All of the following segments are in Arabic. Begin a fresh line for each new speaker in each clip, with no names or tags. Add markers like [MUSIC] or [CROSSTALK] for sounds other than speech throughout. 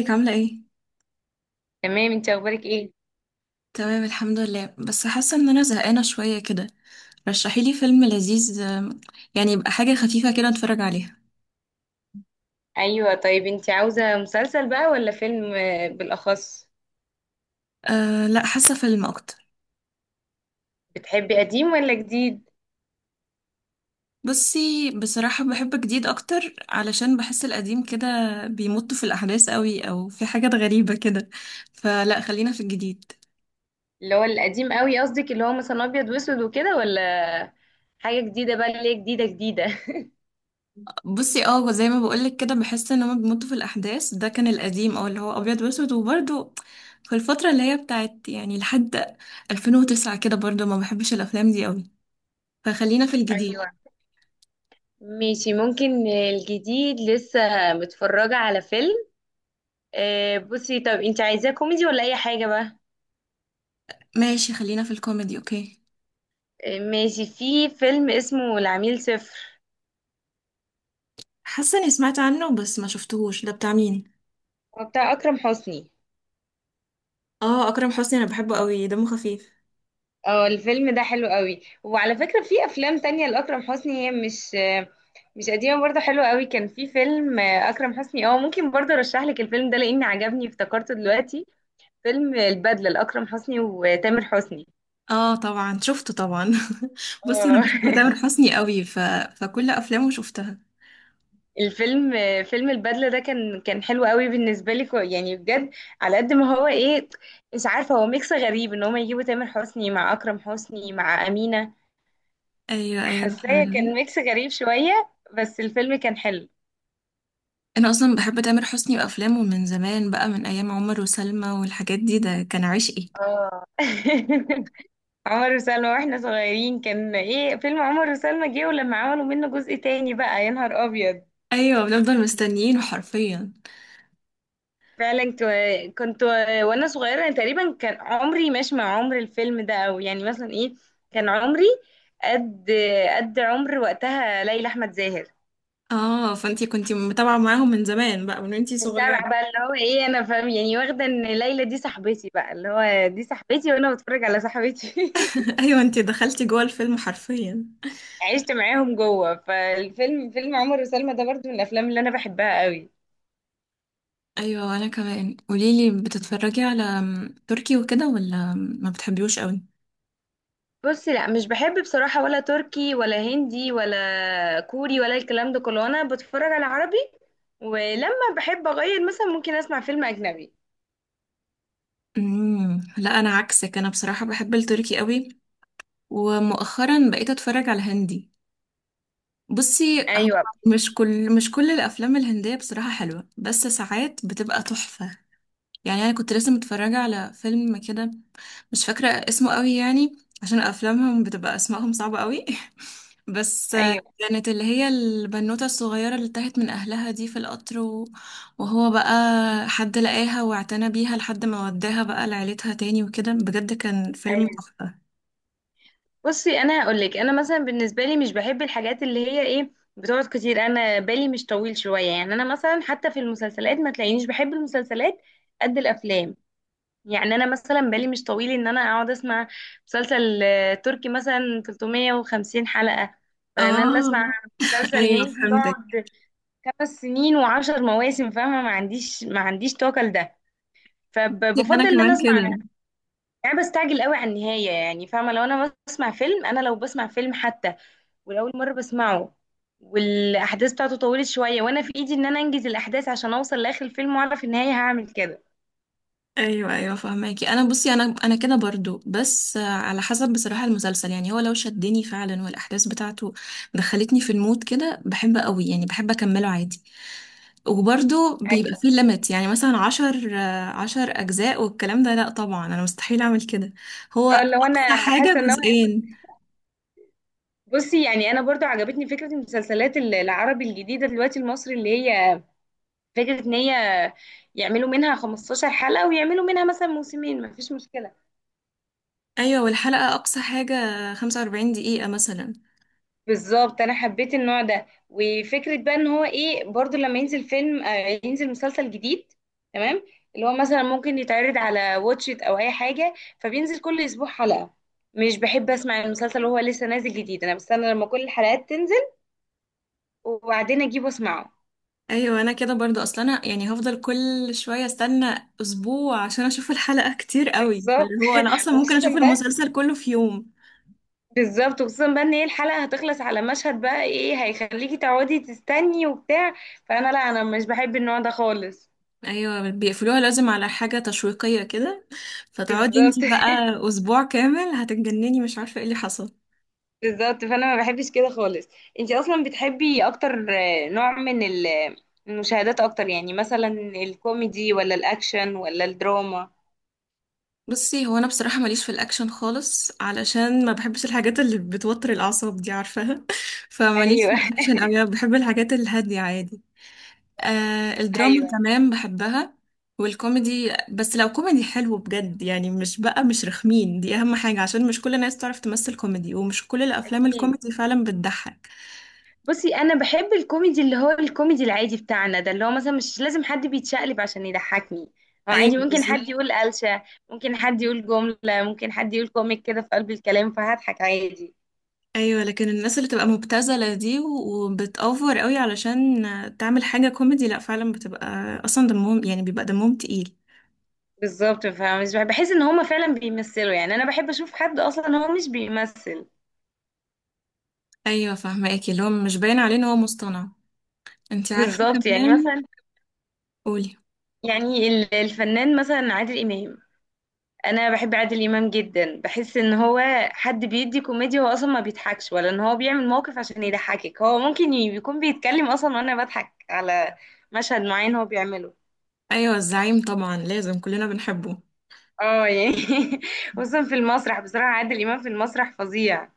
ازيك عاملة ايه؟
تمام، انت اخبارك ايه؟
تمام الحمد لله، بس حاسة ان انا زهقانة شوية كده. رشحيلي فيلم لذيذ. يعني يبقى حاجة خفيفة كده اتفرج عليها.
ايوه، طيب انت عاوزه مسلسل بقى ولا فيلم، بالاخص؟
أه لا، حاسة فيلم اكتر.
بتحبي قديم ولا جديد؟
بصي بصراحة بحب جديد اكتر علشان بحس القديم كده بيمط في الاحداث قوي، او في حاجات غريبة كده، فلا خلينا في الجديد.
اللي هو القديم قوي قصدك، اللي هو مثلا ابيض واسود وكده، ولا حاجه جديده بقى اللي هي جديده جديده؟ [LAUGHS]
بصي اه، زي ما بقولك كده، بحس ان هما بيمطوا في الاحداث. ده كان القديم او اللي هو ابيض واسود. وبرده في الفتره اللي هي بتاعت يعني لحد 2009 كده، برضو ما بحبش الافلام دي قوي، فخلينا في الجديد.
ايوه ماشي، ممكن الجديد، لسه متفرجه على فيلم، بصي طب انت عايزاه كوميدي ولا اي حاجه بقى؟
ماشي، خلينا في الكوميدي. اوكي.
ماشي، في فيلم اسمه العميل صفر.
حاسه اني سمعت عنه بس ما شفتهوش، ده بتاع مين؟
هو بتاع اكرم حسني.
اه اكرم حسني، انا بحبه قوي، دمه خفيف.
اه، الفيلم ده حلو قوي، وعلى فكرة في افلام تانية لأكرم حسني، هي مش قديمة برضه، حلوة قوي. كان في فيلم أكرم حسني، ممكن برضه ارشح لك الفيلم ده، لأني عجبني افتكرته دلوقتي. فيلم البدلة لأكرم حسني وتامر حسني.
اه طبعا شفته طبعا. [LAUGHS] بصي انا
اه.
بحب تامر
[LAUGHS]
حسني قوي فكل افلامه شفتها.
الفيلم فيلم البدلة ده كان حلو قوي بالنسبة لي، يعني بجد، على قد ما هو ايه، مش عارفة، هو ميكس غريب ان هما يجيبوا تامر حسني مع أكرم حسني مع أمينة.
ايوه ايوه
حاساه
فعلا.
كان ميكس غريب شوية، بس الفيلم كان حلو.
انا اصلا بحب تامر حسني وافلامه من زمان بقى، من ايام عمر وسلمى والحاجات دي، ده كان عشقي.
اه. [LAUGHS] عمر وسلمى، واحنا صغيرين كان ايه، فيلم عمر وسلمى جه، ولما عملوا منه جزء تاني بقى يا نهار ابيض.
ايوه بنفضل مستنيين حرفيا.
فعلا كنت وانا صغيره، يعني تقريبا كان عمري ماشي مع عمر الفيلم ده، او يعني مثلا ايه، كان عمري قد قد عمر وقتها ليلى احمد زاهر.
اه فانتي كنتي متابعه معاهم من زمان بقى، من وانتي صغيره.
متابعه بقى اللي هو ايه، انا فاهم يعني، واخده ان ليلى دي صاحبتي بقى، اللي هو دي صاحبتي وانا بتفرج على صاحبتي. [LAUGHS]
[LAUGHS] ايوه انتي دخلتي جوه الفيلم حرفيا.
عشت معاهم جوه فالفيلم، فيلم عمر وسلمى ده برضو من الافلام اللي انا بحبها قوي.
ايوه. وانا كمان، قوليلي، بتتفرجي على تركي وكده، ولا ما بتحبيوش قوي؟
بصي، لا مش بحب بصراحة، ولا تركي ولا هندي ولا كوري ولا الكلام ده كله، انا بتفرج على عربي. ولما بحب اغير مثلا ممكن اسمع فيلم اجنبي.
لا انا عكسك، انا بصراحه بحب التركي قوي، ومؤخرا بقيت اتفرج على هندي. بصي هو
ايوه،
مش كل، مش كل الافلام الهنديه بصراحه حلوه، بس ساعات بتبقى تحفه. يعني انا كنت لسه متفرجه على فيلم كده، مش فاكره اسمه قوي يعني، عشان افلامهم بتبقى اسمائهم صعبه قوي. [LAUGHS] بس
ايوه،
كانت اللي هي البنوته الصغيره اللي تاهت من اهلها دي في القطر، وهو بقى حد لقاها واعتنى بيها لحد ما وداها بقى لعيلتها تاني وكده، بجد كان فيلم
ايوه.
تحفه.
بصي انا هقول لك، انا مثلا بالنسبه لي مش بحب الحاجات اللي هي ايه، بتقعد كتير. انا بالي مش طويل شويه، يعني انا مثلا حتى في المسلسلات ما تلاقينيش بحب المسلسلات قد الافلام. يعني انا مثلا بالي مش طويل ان انا اقعد اسمع مسلسل تركي مثلا 350 حلقة، ولا ان انا اسمع
اه. [LAUGHS]
مسلسل
ايوه
هندي
فهمتك.
يقعد 5 سنين و10 مواسم. فاهمة، ما عنديش طاقة لده،
انا
فبفضل ان انا
كمان
اسمع،
كده.
يعني بستعجل قوي على النهاية. يعني فاهمة، لو انا بسمع فيلم، انا لو بسمع فيلم حتى ولأول مرة بسمعه، والأحداث بتاعته طولت شوية، وأنا في إيدي إن أنا أنجز الأحداث عشان أوصل لآخر الفيلم وأعرف النهاية، هعمل كده.
ايوه ايوه فهماكي. انا بصي انا كده برضو، بس على حسب بصراحه المسلسل. يعني هو لو شدني فعلا، والاحداث بتاعته دخلتني في المود كده بحب قوي، يعني بحب اكمله عادي. وبرضو بيبقى
أيوه.
فيه ليميت، يعني مثلا عشر، 10 اجزاء والكلام ده، لا طبعا انا مستحيل اعمل كده، هو
اه لو
اقصى
أنا
حاجه
حاسة إن هو،
جزئين.
بصي يعني انا برضو عجبتني فكره المسلسلات العربي الجديده دلوقتي، المصري، اللي هي فكره ان هي يعملوا منها 15 حلقه، ويعملوا منها مثلا موسمين، مفيش مشكله.
ايوه، والحلقه اقصى حاجه 45 دقيقه مثلا.
بالظبط، انا حبيت النوع ده، وفكره بقى ان هو ايه برضو، لما ينزل فيلم، ينزل مسلسل جديد، تمام، اللي هو مثلا ممكن يتعرض على واتشيت او اي حاجه، فبينزل كل اسبوع حلقه. مش بحب اسمع المسلسل وهو لسه نازل جديد، انا بستنى لما كل الحلقات تنزل وبعدين اجيبه اسمعه.
ايوه انا كده برضو. اصلا انا يعني هفضل كل شويه استنى اسبوع عشان اشوف الحلقه، كتير قوي.
بالظبط.
فاللي هو انا
[LAUGHS]
اصلا ممكن
وخصوصا
اشوف
بقى
المسلسل كله في يوم.
بالظبط وخصوصا بقى ان هي الحلقه هتخلص على مشهد بقى ايه هيخليكي تقعدي تستني وبتاع، فانا لا، انا مش بحب النوع ده خالص.
ايوه بيقفلوها لازم على حاجه تشويقيه كده، فتقعدي
بالظبط.
انتي بقى
[LAUGHS]
اسبوع كامل هتتجنني مش عارفه ايه اللي حصل.
بالظبط، فانا ما بحبش كده خالص. انتي اصلا بتحبي اكتر نوع من المشاهدات اكتر، يعني مثلا الكوميدي ولا الاكشن ولا الدراما؟
بصي هو انا بصراحه ماليش في الاكشن خالص، علشان ما بحبش الحاجات اللي بتوتر الاعصاب دي، عارفاها. [LAUGHS] فماليش في
ايوه.
الاكشن قوي، أنا بحب الحاجات الهاديه عادي. آه
[LAUGHS]
الدراما
ايوه،
كمان بحبها. والكوميدي بس لو كوميدي حلو بجد، يعني مش بقى مش رخمين، دي أهم حاجة، عشان مش كل الناس تعرف تمثل كوميدي، ومش كل الأفلام
اكيد.
الكوميدي فعلا بتضحك.
بصي انا بحب الكوميدي، اللي هو الكوميدي العادي بتاعنا ده، اللي هو مثلا مش لازم حد بيتشقلب عشان يضحكني، هو
أيوة
عادي ممكن
بالظبط.
حد يقول قلشة، ممكن حد يقول جملة، ممكن حد يقول كوميك كده في قلب الكلام فهضحك عادي.
أيوة لكن الناس اللي تبقى مبتذلة دي وبتأوفر قوي علشان تعمل حاجة كوميدي، لأ فعلا بتبقى، أصلا دمهم يعني بيبقى دمهم تقيل.
بالظبط، فمش بحس ان هما فعلا بيمثلوا، يعني انا بحب اشوف حد اصلا هو مش بيمثل.
أيوة فاهماكي، اللي هو مش باين عليه إن هو مصطنع. انتي عارفة
بالظبط، يعني
كمان.
مثلا،
قولي.
يعني الفنان مثلا عادل امام، انا بحب عادل امام جدا، بحس ان هو حد بيدي كوميديا، هو اصلا ما بيضحكش، ولا ان هو بيعمل موقف عشان يضحكك، هو ممكن يكون بيتكلم اصلا وانا بضحك على مشهد معين هو بيعمله.
أيوة الزعيم، طبعا لازم كلنا بنحبه.
اه يعني. [LAUGHS] خصوصا في المسرح، بصراحة عادل امام في المسرح فظيع.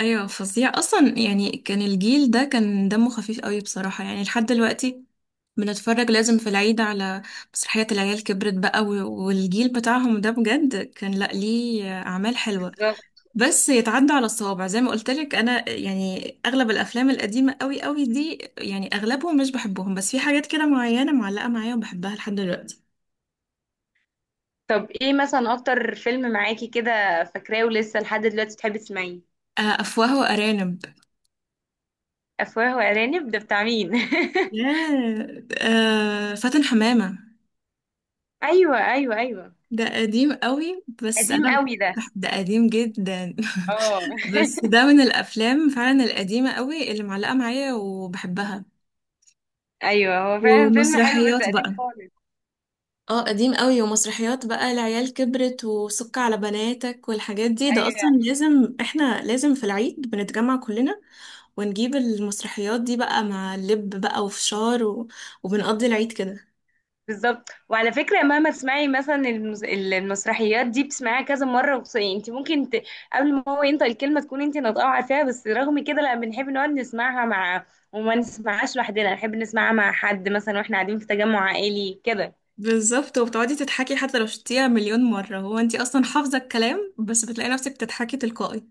ايوه فظيع اصلا، يعني كان الجيل ده كان دمه خفيف قوي بصراحه. يعني لحد دلوقتي بنتفرج لازم في العيد على مسرحيه العيال كبرت بقى، والجيل بتاعهم ده بجد كان، لا ليه اعمال حلوه،
بالظبط.
بس يتعدى على الصوابع. زي ما قلت لك انا، يعني اغلب الافلام القديمه قوي قوي دي، يعني اغلبهم مش بحبهم، بس في حاجات كده معينه معلقه معايا وبحبها لحد دلوقتي.
طب ايه مثلا اكتر فيلم معاكي كده فاكراه ولسه لحد دلوقتي بتحبي تسمعيه؟
افواه وارانب.
افواه وارانب، ده بتاع مين؟
ياه، فاتن حمامه.
[LAUGHS] ايوه، ايوه، ايوه.
ده قديم قوي بس
قديم
انا
قوي ده.
ده قديم جدا.
اه.
[LAUGHS] بس ده من الافلام فعلا القديمه قوي اللي معلقه معايا وبحبها.
[LAUGHS] ايوه هو فعلا فيلم حلو بس
ومسرحيات
قديم
بقى،
خالص.
اه قديم قوي. ومسرحيات بقى العيال كبرت، وسك على بناتك، والحاجات دي. ده اصلا
ايوه
لازم احنا لازم في العيد بنتجمع كلنا ونجيب المسرحيات دي بقى مع لب بقى وفشار وبنقضي العيد كده.
بالظبط، وعلى فكره مهما تسمعي مثلا المسرحيات دي بتسمعيها كذا مره، انت ممكن قبل ما هو ينطق الكلمه تكون انت ناطقه وعارفاها، بس رغم كده لا بنحب نقعد نسمعها مع، وما نسمعهاش لوحدنا، نحب نسمعها مع حد مثلا واحنا قاعدين في تجمع عائلي كده.
بالظبط. وبتقعدي تضحكي حتى لو شفتيها مليون مرة، هو انتي اصلا حافظة الكلام، بس بتلاقي نفسك بتضحكي تلقائي.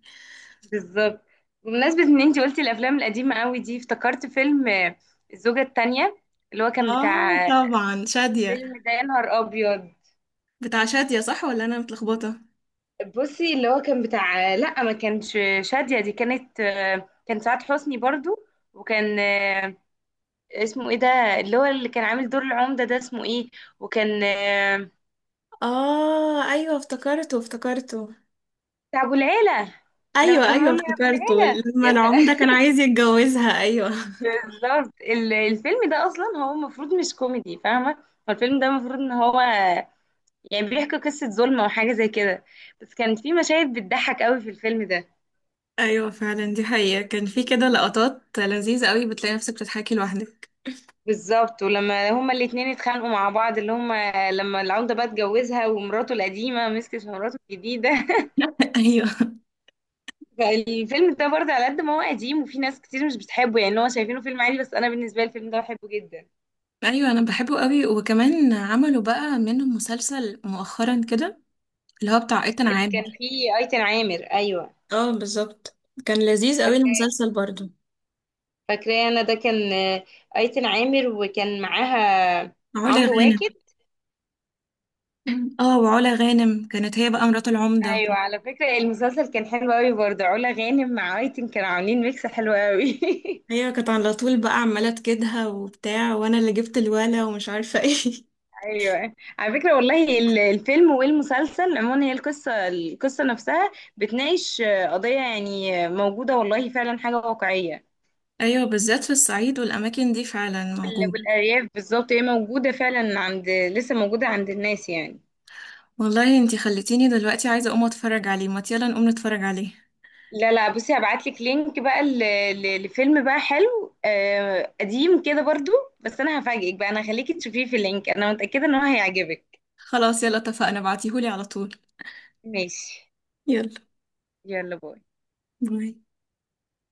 بالظبط. بمناسبه ان انت قلتي الافلام القديمه قوي دي، افتكرت فيلم، الزوجه الثانيه، اللي هو كان
اه
بتاع،
طبعا شادية.
فيلم ده يا نهار ابيض.
بتاع شادية صح، ولا انا متلخبطة؟
بصي اللي هو كان بتاع، لا ما كانش شادية. دي كان سعاد حسني برضو. وكان اسمه ايه ده، اللي هو اللي كان عامل دور العمدة ده اسمه ايه، وكان
اه ايوه افتكرته افتكرته.
بتاع ابو العيلة، لما
ايوه
كان
ايوه
بيقول له يا ابو
افتكرته،
العيلة
لما
كده.
العمدة كان
[LAUGHS]
عايز يتجوزها. ايوه
بالظبط، الفيلم ده اصلا هو المفروض مش كوميدي، فاهمة، هو الفيلم ده المفروض ان هو يعني بيحكي قصة ظلم او حاجة زي كده، بس كان في مشاهد بتضحك قوي في الفيلم ده.
ايوه فعلا دي حقيقة، كان في كده لقطات لذيذة قوي بتلاقي نفسك بتضحكي لوحدك.
بالظبط، ولما هما الاتنين اتخانقوا مع بعض، اللي هما لما العودة بقى اتجوزها ومراته القديمة مسكت مراته الجديدة. [LAUGHS]
[LAUGHS] ايوه.
فالفيلم ده برضه على قد ما هو قديم وفي ناس كتير مش بتحبه، يعني هو شايفينه فيلم عادي، بس انا بالنسبة لي الفيلم ده بحبه جدا.
ايوه انا بحبه قوي، وكمان عملوا بقى منه مسلسل مؤخرا كده، اللي هو بتاع ايتان
اللي كان
عامر.
فيه ايتن عامر، ايوه.
اه بالظبط. كان لذيذ قوي
فاكراه،
المسلسل برضو.
فاكراه، انا ده كان ايتن عامر، وكان معاها
علا
عمرو
غانم.
واكد.
[CLEARS THROAT] اه، وعلا غانم كانت هي بقى مرات العمدة.
ايوه على فكرة المسلسل كان حلو قوي برضه، علا غانم مع ايتن كانوا عاملين ميكس حلو قوي. [LAUGHS]
ايوه كانت على طول بقى عماله تكدها وبتاع، وانا اللي جبت الولا ومش عارفه ايه. [LAUGHS]
ايوه على فكره والله الفيلم والمسلسل عموما هي القصه نفسها بتناقش قضيه، يعني موجوده، والله فعلا حاجه واقعيه.
ايوه بالذات في الصعيد والاماكن دي فعلا موجود.
والارياف بالظبط هي موجوده فعلا عند، لسه موجوده عند الناس يعني.
والله انتي خلتيني دلوقتي عايزه اقوم اتفرج عليه، ما يلا نقوم نتفرج عليه.
لا، لا، بصي هبعت لك لينك بقى، لفيلم بقى حلو، قديم كده برضو، بس انا هفاجئك بقى، انا هخليكي تشوفيه في اللينك، انا متاكده ان هو هيعجبك.
خلاص يلا اتفقنا، بعتيهولي على طول.
ماشي،
يلا
يلا، باي.
باي.